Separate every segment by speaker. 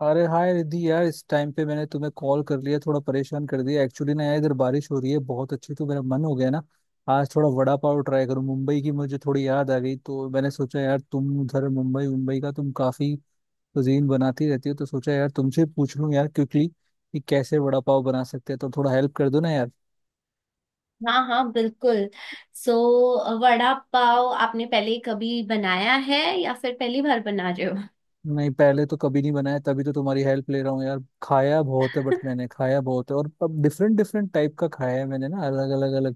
Speaker 1: अरे हाय रिद्धि यार, इस टाइम पे मैंने तुम्हें कॉल कर लिया, थोड़ा परेशान कर दिया। एक्चुअली ना यार, इधर बारिश हो रही है बहुत अच्छी, तो मेरा मन हो गया ना आज थोड़ा वड़ा पाव ट्राई करूं। मुंबई की मुझे थोड़ी याद आ गई, तो मैंने सोचा यार, तुम उधर मुंबई मुंबई का तुम काफी कुजीन बनाती रहती हो, तो सोचा यार तुमसे पूछ लूं यार क्विकली कि कैसे वड़ा पाव बना सकते हैं, तो थोड़ा हेल्प कर दो ना यार।
Speaker 2: हाँ हाँ बिल्कुल। सो वड़ा पाव आपने पहले कभी बनाया है या फिर पहली बार बना रहे हो?
Speaker 1: नहीं, पहले तो कभी नहीं बनाया, तभी तो तुम्हारी हेल्प ले रहा हूँ यार। खाया बहुत है, बट मैंने खाया बहुत है और अब डिफरेंट डिफरेंट टाइप का खाया है मैंने ना, अलग अलग।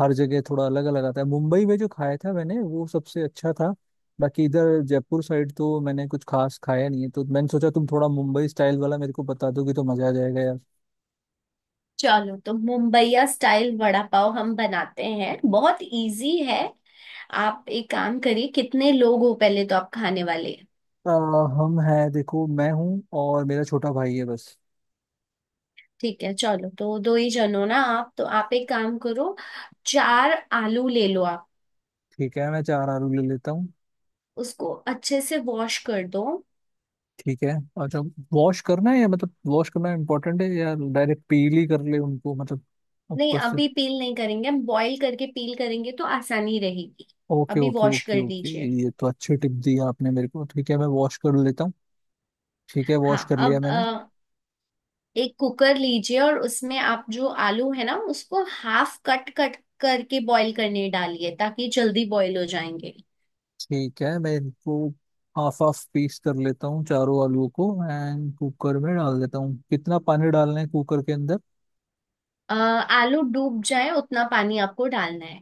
Speaker 1: हर जगह थोड़ा अलग अलग आता है। मुंबई में जो खाया था मैंने वो सबसे अच्छा था। बाकी इधर जयपुर साइड तो मैंने कुछ खास खाया नहीं है, तो मैंने सोचा तुम थोड़ा मुंबई स्टाइल वाला मेरे को बता दोगे तो मजा आ जाएगा यार।
Speaker 2: चलो, तो मुंबईया स्टाइल वड़ा पाव हम बनाते हैं। बहुत इजी है। आप एक काम करिए, कितने लोग हो पहले तो आप खाने वाले हैं?
Speaker 1: अ, हम हैं, देखो मैं हूँ और मेरा छोटा भाई है बस।
Speaker 2: ठीक है, चलो तो दो ही जन हो ना आप। तो आप एक काम करो, 4 आलू ले लो आप।
Speaker 1: ठीक है, मैं चार आलू ले लेता हूँ।
Speaker 2: उसको अच्छे से वॉश कर दो।
Speaker 1: ठीक है। अच्छा, वॉश करना है या मतलब वॉश करना इम्पोर्टेंट है, या डायरेक्ट पील ही कर ले उनको, मतलब
Speaker 2: नहीं,
Speaker 1: ऊपर से?
Speaker 2: अभी पील नहीं करेंगे, हम बॉईल करके पील करेंगे तो आसानी रहेगी।
Speaker 1: ओके
Speaker 2: अभी
Speaker 1: ओके
Speaker 2: वॉश
Speaker 1: ओके
Speaker 2: कर
Speaker 1: ओके,
Speaker 2: दीजिए।
Speaker 1: ये तो अच्छी टिप दी आपने मेरे को। ठीक है, मैं वॉश कर लेता हूँ। ठीक है, वॉश
Speaker 2: हाँ
Speaker 1: कर लिया
Speaker 2: अब
Speaker 1: मैंने।
Speaker 2: एक कुकर लीजिए और उसमें आप जो आलू है ना उसको हाफ कट कट करके बॉईल करने डालिए ताकि जल्दी बॉईल हो जाएंगे।
Speaker 1: ठीक है, मैं इनको हाफ हाफ पीस कर लेता हूँ चारों आलूओं को एंड कुकर में डाल देता हूँ। कितना पानी डालना है कुकर के अंदर?
Speaker 2: आलू डूब जाए उतना पानी आपको डालना है।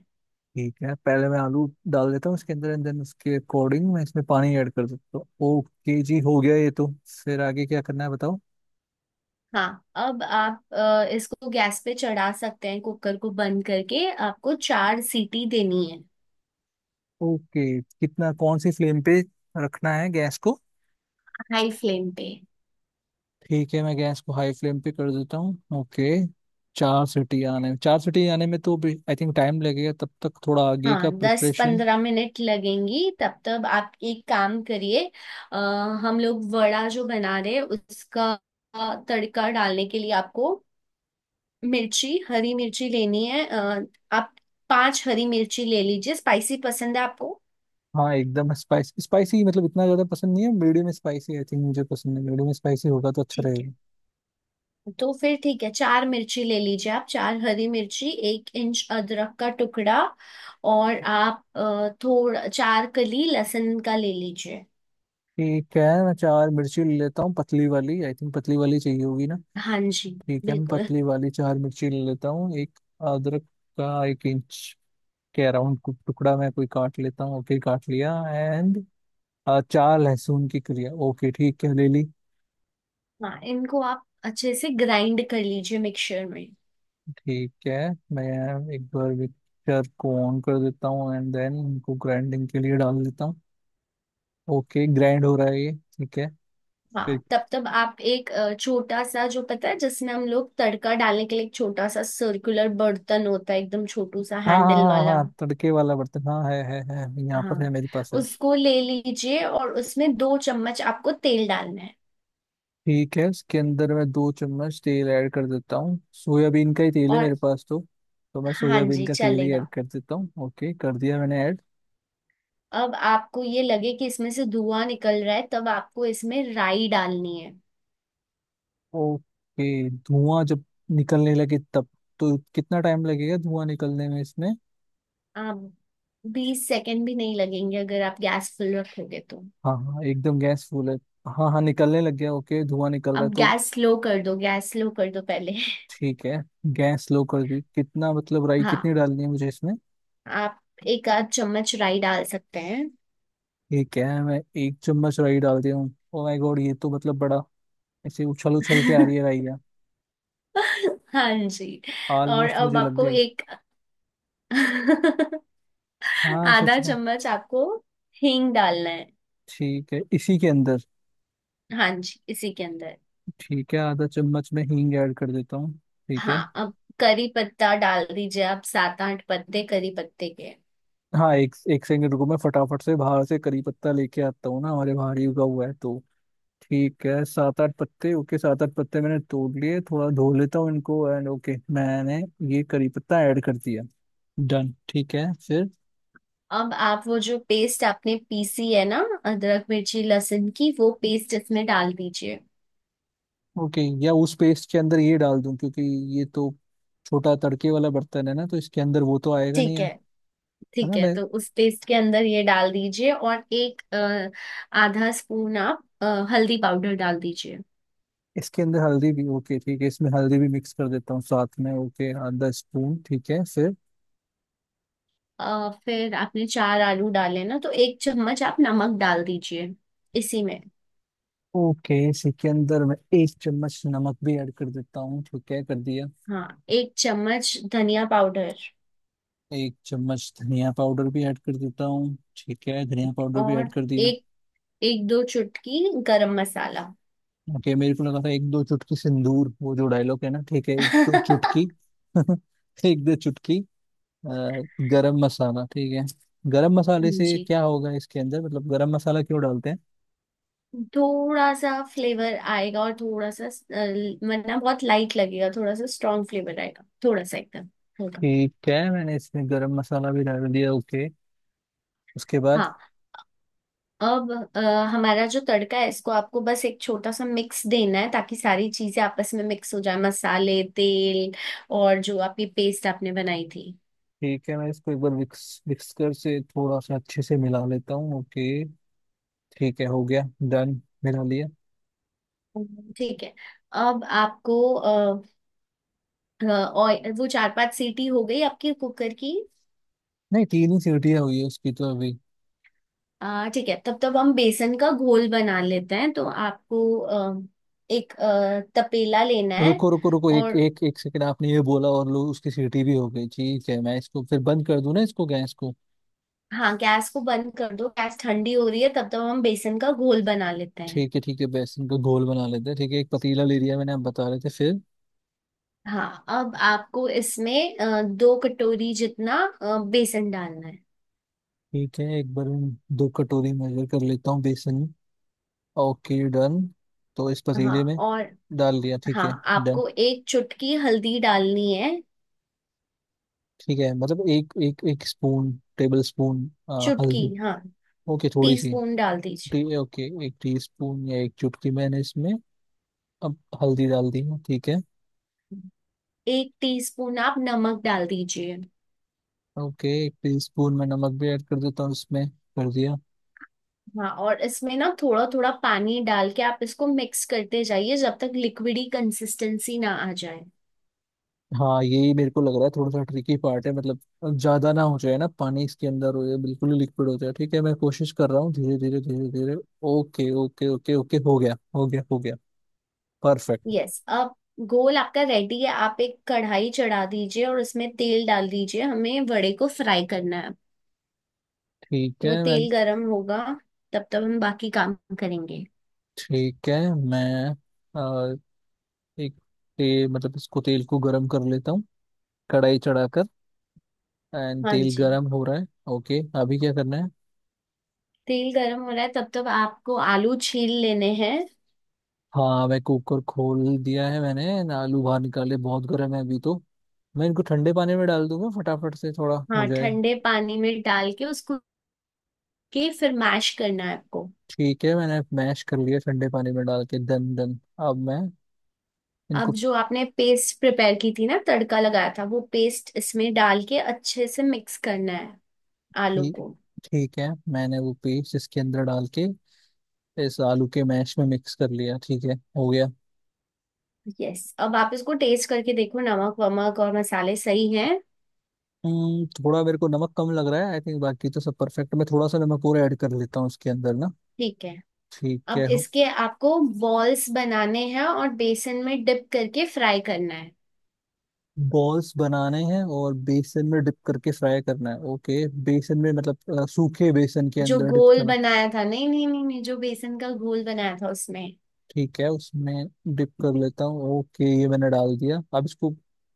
Speaker 1: ठीक है, पहले मैं आलू डाल देता हूँ इसके अंदर एंड देन उसके अकॉर्डिंग मैं इसमें पानी ऐड कर देता हूँ। ओके जी, हो गया ये तो। फिर आगे क्या करना है बताओ?
Speaker 2: हाँ अब आप इसको गैस पे चढ़ा सकते हैं, कुकर को बंद करके आपको 4 सीटी देनी है।
Speaker 1: ओके, कितना, कौन सी फ्लेम पे रखना है गैस को?
Speaker 2: हाई फ्लेम पे।
Speaker 1: ठीक है, मैं गैस को हाई फ्लेम पे कर देता हूँ। ओके। चार सीटी आने में तो आई थिंक टाइम लगेगा, तब तक थोड़ा आगे
Speaker 2: हाँ,
Speaker 1: का
Speaker 2: दस
Speaker 1: प्रिपरेशन।
Speaker 2: पंद्रह मिनट लगेंगी, तब तक आप एक काम करिए। अ, हम लोग वड़ा जो बना रहे हैं उसका तड़का डालने के लिए आपको मिर्ची, हरी मिर्ची लेनी है। आप 5 हरी मिर्ची ले लीजिए। स्पाइसी पसंद है आपको?
Speaker 1: हाँ एकदम स्पाइसी। स्पाइसी मतलब इतना ज्यादा पसंद नहीं है, मीडियम स्पाइसी आई थिंक मुझे पसंद है, मीडियम स्पाइसी होगा तो अच्छा
Speaker 2: ठीक
Speaker 1: रहेगा।
Speaker 2: है, तो फिर ठीक है 4 मिर्ची ले लीजिए आप, 4 हरी मिर्ची, 1 इंच अदरक का टुकड़ा, और आप थोड़ा 4 कली लहसुन का ले लीजिए।
Speaker 1: ठीक है, मैं चार मिर्ची ले लेता हूँ पतली वाली। आई थिंक पतली वाली चाहिए होगी ना?
Speaker 2: हाँ जी।
Speaker 1: ठीक है, मैं
Speaker 2: बिल्कुल।
Speaker 1: पतली वाली चार मिर्ची ले लेता हूँ। एक अदरक का एक इंच के अराउंड टुकड़ा मैं कोई काट लेता हूँ। ओके, काट लिया। एंड चार लहसुन की कलियां। ओके ठीक है, ले ली।
Speaker 2: हाँ, इनको आप अच्छे से ग्राइंड कर लीजिए मिक्सचर में।
Speaker 1: ठीक है, मैं एक बार मिक्सचर को ऑन कर देता हूँ एंड देन इनको ग्राइंडिंग के लिए डाल देता हूँ। ओके, ग्राइंड हो रहा है ये। ठीक है फिर।
Speaker 2: हाँ तब तब आप एक छोटा सा जो पता है जिसमें हम लोग तड़का डालने के लिए एक छोटा सा सर्कुलर बर्तन होता है, एकदम छोटू सा
Speaker 1: हाँ हाँ
Speaker 2: हैंडल
Speaker 1: हाँ
Speaker 2: वाला।
Speaker 1: हाँ हाँ, तड़के वाला बर्तन, हाँ, है यहाँ
Speaker 2: हाँ,
Speaker 1: पर, है मेरे पास है।
Speaker 2: उसको ले लीजिए और उसमें 2 चम्मच आपको तेल डालना है।
Speaker 1: ठीक है, इसके अंदर मैं दो चम्मच तेल ऐड कर देता हूँ। सोयाबीन का ही तेल है
Speaker 2: और,
Speaker 1: मेरे पास, तो मैं
Speaker 2: हाँ
Speaker 1: सोयाबीन
Speaker 2: जी
Speaker 1: का तेल ही
Speaker 2: चलेगा।
Speaker 1: ऐड कर देता हूँ। ओके, कर दिया मैंने ऐड।
Speaker 2: अब आपको ये लगे कि इसमें से धुआं निकल रहा है तब आपको इसमें राई डालनी है।
Speaker 1: ओके, धुआं जब निकलने लगे तब। तो कितना टाइम लगेगा धुआं निकलने में इसमें?
Speaker 2: आप 20 सेकेंड भी नहीं लगेंगे अगर आप गैस फुल रखोगे तो।
Speaker 1: हाँ हाँ, एकदम गैस फुल है। हाँ हाँ, निकलने लग गया। ओके, धुआं निकल रहा है
Speaker 2: अब
Speaker 1: तो।
Speaker 2: गैस स्लो कर दो, गैस स्लो कर दो पहले।
Speaker 1: ठीक है, गैस लो कर दी। कितना मतलब, राई कितनी
Speaker 2: हाँ,
Speaker 1: डालनी है मुझे इसमें?
Speaker 2: आप एक आध चम्मच राई डाल सकते हैं।
Speaker 1: ठीक है, मैं एक चम्मच राई डाल दिया हूँ। ओ माय गॉड, ये तो मतलब बड़ा ऐसे उछल उछल के आ रही है राई है।
Speaker 2: हाँ जी। और
Speaker 1: ऑलमोस्ट
Speaker 2: अब
Speaker 1: मुझे लग
Speaker 2: आपको
Speaker 1: गई।
Speaker 2: एक
Speaker 1: हाँ, सच
Speaker 2: आधा
Speaker 1: में।
Speaker 2: चम्मच आपको हींग डालना है।
Speaker 1: ठीक है, इसी के अंदर।
Speaker 2: हाँ जी, इसी के अंदर।
Speaker 1: ठीक है, आधा चम्मच मैं हींग ऐड कर देता हूँ। ठीक है।
Speaker 2: हाँ अब करी पत्ता डाल दीजिए आप, 7-8 पत्ते करी पत्ते के।
Speaker 1: हाँ, एक एक सेकंड रुको, मैं फटाफट से बाहर से करी पत्ता लेके आता हूँ ना, हमारे बाहर ही उगा हुआ है तो। ठीक है, सात आठ पत्ते। ओके, सात आठ पत्ते मैंने तोड़ लिए, थोड़ा धो लेता हूँ इनको, एंड ओके, मैंने ये करी पत्ता ऐड कर दिया। डन। ठीक है फिर।
Speaker 2: अब आप वो जो पेस्ट आपने पीसी है ना, अदरक मिर्ची लहसुन की, वो पेस्ट इसमें डाल दीजिए।
Speaker 1: ओके, या उस पेस्ट के अंदर ये डाल दूं, क्योंकि ये तो छोटा तड़के वाला बर्तन है ना, तो इसके अंदर वो तो आएगा नहीं,
Speaker 2: ठीक
Speaker 1: है
Speaker 2: है,
Speaker 1: है
Speaker 2: ठीक
Speaker 1: ना?
Speaker 2: है
Speaker 1: मैं
Speaker 2: तो उस पेस्ट के अंदर ये डाल दीजिए और एक आधा स्पून आप हल्दी पाउडर डाल दीजिए।
Speaker 1: इसके अंदर हल्दी भी? ओके ठीक है, इसमें हल्दी भी मिक्स कर देता हूँ साथ में। ओके, आधा स्पून। ठीक है फिर।
Speaker 2: फिर आपने 4 आलू डाले ना, तो 1 चम्मच आप नमक डाल दीजिए इसी में।
Speaker 1: ओके, इसी के अंदर मैं एक चम्मच नमक भी ऐड कर देता हूँ। ठीक है, कर दिया।
Speaker 2: हाँ, 1 चम्मच धनिया पाउडर।
Speaker 1: एक चम्मच धनिया पाउडर भी ऐड कर देता हूँ। ठीक है, धनिया पाउडर भी
Speaker 2: और
Speaker 1: ऐड कर दिया।
Speaker 2: एक एक दो चुटकी गरम मसाला।
Speaker 1: ओके, मेरे को लगा था एक दो चुटकी सिंदूर, वो जो डायलॉग है ना। ठीक है, एक दो चुटकी।
Speaker 2: हाँ
Speaker 1: एक दो चुटकी गरम मसाला। ठीक है। गरम मसाले से
Speaker 2: जी।
Speaker 1: क्या होगा इसके अंदर मतलब, गरम मसाला क्यों डालते हैं?
Speaker 2: थोड़ा सा फ्लेवर आएगा और थोड़ा सा वरना बहुत लाइट लगेगा, थोड़ा सा स्ट्रॉन्ग फ्लेवर आएगा, थोड़ा सा एकदम हल्का।
Speaker 1: ठीक है, मैंने इसमें गरम मसाला भी डाल दिया। ओके, उसके बाद?
Speaker 2: हाँ, अब हमारा जो तड़का है इसको आपको बस एक छोटा सा मिक्स देना है ताकि सारी चीजें आपस में मिक्स हो जाए, मसाले तेल और जो आपकी पेस्ट आपने बनाई थी।
Speaker 1: ठीक है, मैं इसको एक बार विक्सकर से थोड़ा सा अच्छे से मिला लेता हूँ। ओके। ठीक है, हो गया। डन। मिला लिया।
Speaker 2: ठीक है। अब आपको ऑयल, वो 4-5 सीटी हो गई आपकी कुकर की?
Speaker 1: नहीं, तीन ही सीटियाँ हुई है उसकी तो अभी।
Speaker 2: ठीक है, तब तब हम बेसन का घोल बना लेते हैं, तो आपको एक तपेला लेना है।
Speaker 1: रुको रुको रुको, एक
Speaker 2: और,
Speaker 1: एक एक सेकंड, आपने ये बोला और लो उसकी सीटी भी हो गई। ठीक है, मैं इसको फिर बंद कर दूं ना, इसको, गैस को।
Speaker 2: हाँ गैस को बंद कर दो। गैस ठंडी हो रही है, तब तक हम बेसन का घोल बना लेते हैं।
Speaker 1: ठीक है ठीक है, बेसन का घोल बना लेते हैं। ठीक है, एक पतीला ले लिया मैंने। आप बता रहे थे फिर?
Speaker 2: हाँ अब आपको इसमें 2 कटोरी जितना बेसन डालना है।
Speaker 1: ठीक है, एक बार मैं दो कटोरी मेजर कर लेता हूँ बेसन। ओके डन, तो इस
Speaker 2: हाँ।
Speaker 1: पतीले में
Speaker 2: और,
Speaker 1: डाल दिया। ठीक
Speaker 2: हाँ
Speaker 1: है डन।
Speaker 2: आपको 1 चुटकी हल्दी डालनी है।
Speaker 1: ठीक है मतलब, एक एक एक स्पून, टेबल स्पून,
Speaker 2: चुटकी,
Speaker 1: हल्दी।
Speaker 2: हाँ
Speaker 1: ओके, थोड़ी सी।
Speaker 2: टीस्पून डाल दीजिए।
Speaker 1: ओके, एक टीस्पून या एक चुटकी मैंने इसमें अब हल्दी डाल दी है। ठीक है।
Speaker 2: 1 टीस्पून आप नमक डाल दीजिए।
Speaker 1: ओके, एक टीस्पून में नमक भी ऐड कर देता हूँ इसमें। कर दिया।
Speaker 2: हाँ, और इसमें ना थोड़ा थोड़ा पानी डाल के आप इसको मिक्स करते जाइए जब तक लिक्विडी कंसिस्टेंसी ना आ जाए।
Speaker 1: हाँ, यही मेरे को लग रहा है, थोड़ा सा ट्रिकी पार्ट है मतलब, ज्यादा ना हो जाए ना पानी इसके अंदर हो, या बिल्कुल ही लिक्विड हो जाए। ठीक है, मैं कोशिश कर रहा हूँ धीरे धीरे धीरे धीरे। ओके ओके ओके ओके, हो गया हो गया हो गया। परफेक्ट।
Speaker 2: यस अब गोल आपका रेडी है। आप एक कढ़ाई चढ़ा दीजिए और उसमें तेल डाल दीजिए, हमें वड़े को फ्राई करना है।
Speaker 1: ठीक
Speaker 2: तो वो
Speaker 1: है मैं
Speaker 2: तेल गरम होगा तब तब हम बाकी काम करेंगे।
Speaker 1: ठीक है, मैं अ, एक मतलब इसको, तेल को गरम कर लेता हूँ कढ़ाई चढ़ाकर। एंड
Speaker 2: हाँ
Speaker 1: तेल
Speaker 2: जी।
Speaker 1: गरम हो रहा है। ओके, अभी क्या करना है?
Speaker 2: तेल गरम हो रहा है तब तब आपको आलू छील लेने हैं।
Speaker 1: हाँ, मैं कुकर खोल दिया है मैंने ना, आलू बाहर निकाले, बहुत गर्म है अभी तो। मैं इनको ठंडे पानी में डाल दूंगा फटाफट से, थोड़ा हो
Speaker 2: हाँ
Speaker 1: जाए।
Speaker 2: ठंडे पानी में डाल के उसको के फिर मैश करना है आपको।
Speaker 1: ठीक है, मैंने मैश कर लिया ठंडे पानी में डाल के, दन दन। अब मैं
Speaker 2: अब
Speaker 1: इनको
Speaker 2: जो आपने पेस्ट प्रिपेयर की थी ना, तड़का लगाया था, वो पेस्ट इसमें डाल के अच्छे से मिक्स करना है आलू
Speaker 1: पी
Speaker 2: को।
Speaker 1: ठीक है, मैंने वो पेस्ट इसके अंदर डाल के इस आलू के मैश में मिक्स कर लिया। ठीक है, हो गया।
Speaker 2: यस अब आप इसको टेस्ट करके देखो, नमक वमक और मसाले सही हैं।
Speaker 1: थोड़ा मेरे को नमक कम लग रहा है आई थिंक, बाकी तो सब परफेक्ट। मैं थोड़ा सा नमक और ऐड कर लेता हूँ इसके अंदर ना।
Speaker 2: ठीक है,
Speaker 1: ठीक
Speaker 2: अब
Speaker 1: है।
Speaker 2: इसके आपको बॉल्स बनाने हैं और बेसन में डिप करके फ्राई करना है।
Speaker 1: बॉल्स बनाने हैं और बेसन में डिप करके फ्राई करना है? ओके, बेसन में मतलब सूखे बेसन के
Speaker 2: जो
Speaker 1: अंदर डिप
Speaker 2: घोल
Speaker 1: करना?
Speaker 2: बनाया था, नहीं नहीं नहीं नहीं, जो बेसन का घोल बनाया था उसमें।
Speaker 1: ठीक है, उसमें डिप कर लेता हूँ। ओके, ये मैंने डाल दिया, अब इसको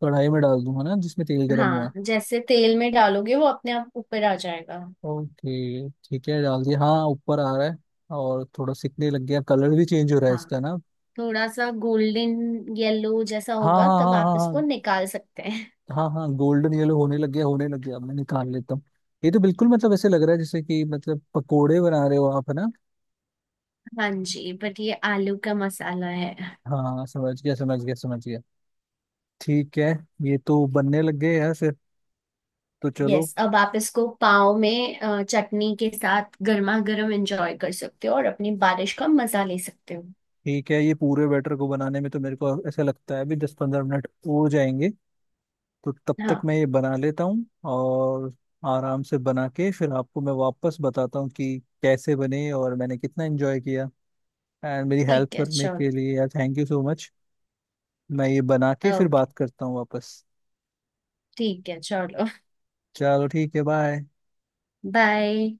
Speaker 1: कढ़ाई में डाल दूंगा ना जिसमें तेल गर्म हुआ
Speaker 2: हाँ
Speaker 1: है।
Speaker 2: जैसे तेल में डालोगे वो अपने आप ऊपर आ जाएगा।
Speaker 1: ओके ठीक है, डाल दिया। हाँ, ऊपर आ रहा है और थोड़ा सिकने लग गया, कलर भी चेंज हो रहा है
Speaker 2: हाँ
Speaker 1: इसका ना।
Speaker 2: थोड़ा सा गोल्डन येलो जैसा
Speaker 1: हाँ
Speaker 2: होगा
Speaker 1: हाँ
Speaker 2: तब
Speaker 1: हाँ
Speaker 2: आप
Speaker 1: हाँ
Speaker 2: इसको
Speaker 1: हाँ।
Speaker 2: निकाल सकते हैं।
Speaker 1: हाँ हाँ, गोल्डन येलो होने लग गया, होने लग गया, अब मैं निकाल लेता हूँ। ये तो बिल्कुल मतलब ऐसे लग रहा है जैसे कि मतलब पकोड़े बना रहे हो आप, है ना?
Speaker 2: हाँ जी, बट ये आलू का मसाला है।
Speaker 1: हाँ, समझ गया समझ गया समझ गया। ठीक है, ये तो बनने लग गए यार फिर, तो चलो।
Speaker 2: यस अब आप इसको पाव में चटनी के साथ गर्मा गर्म एंजॉय कर सकते हो और अपनी बारिश का मजा ले सकते हो।
Speaker 1: ठीक है, ये पूरे बैटर को बनाने में तो मेरे को ऐसा लगता है अभी 10-15 मिनट हो जाएंगे, तो तब तक
Speaker 2: हाँ
Speaker 1: मैं ये बना लेता हूँ। और आराम से बना के फिर आपको मैं वापस बताता हूँ कि कैसे बने और मैंने कितना एंजॉय किया। एंड मेरी हेल्प
Speaker 2: ठीक है
Speaker 1: करने के
Speaker 2: चलो।
Speaker 1: लिए यार, थैंक यू सो मच। मैं ये बना के फिर
Speaker 2: ओके
Speaker 1: बात करता हूँ वापस।
Speaker 2: ठीक है चलो,
Speaker 1: चलो ठीक है, बाय।
Speaker 2: बाय।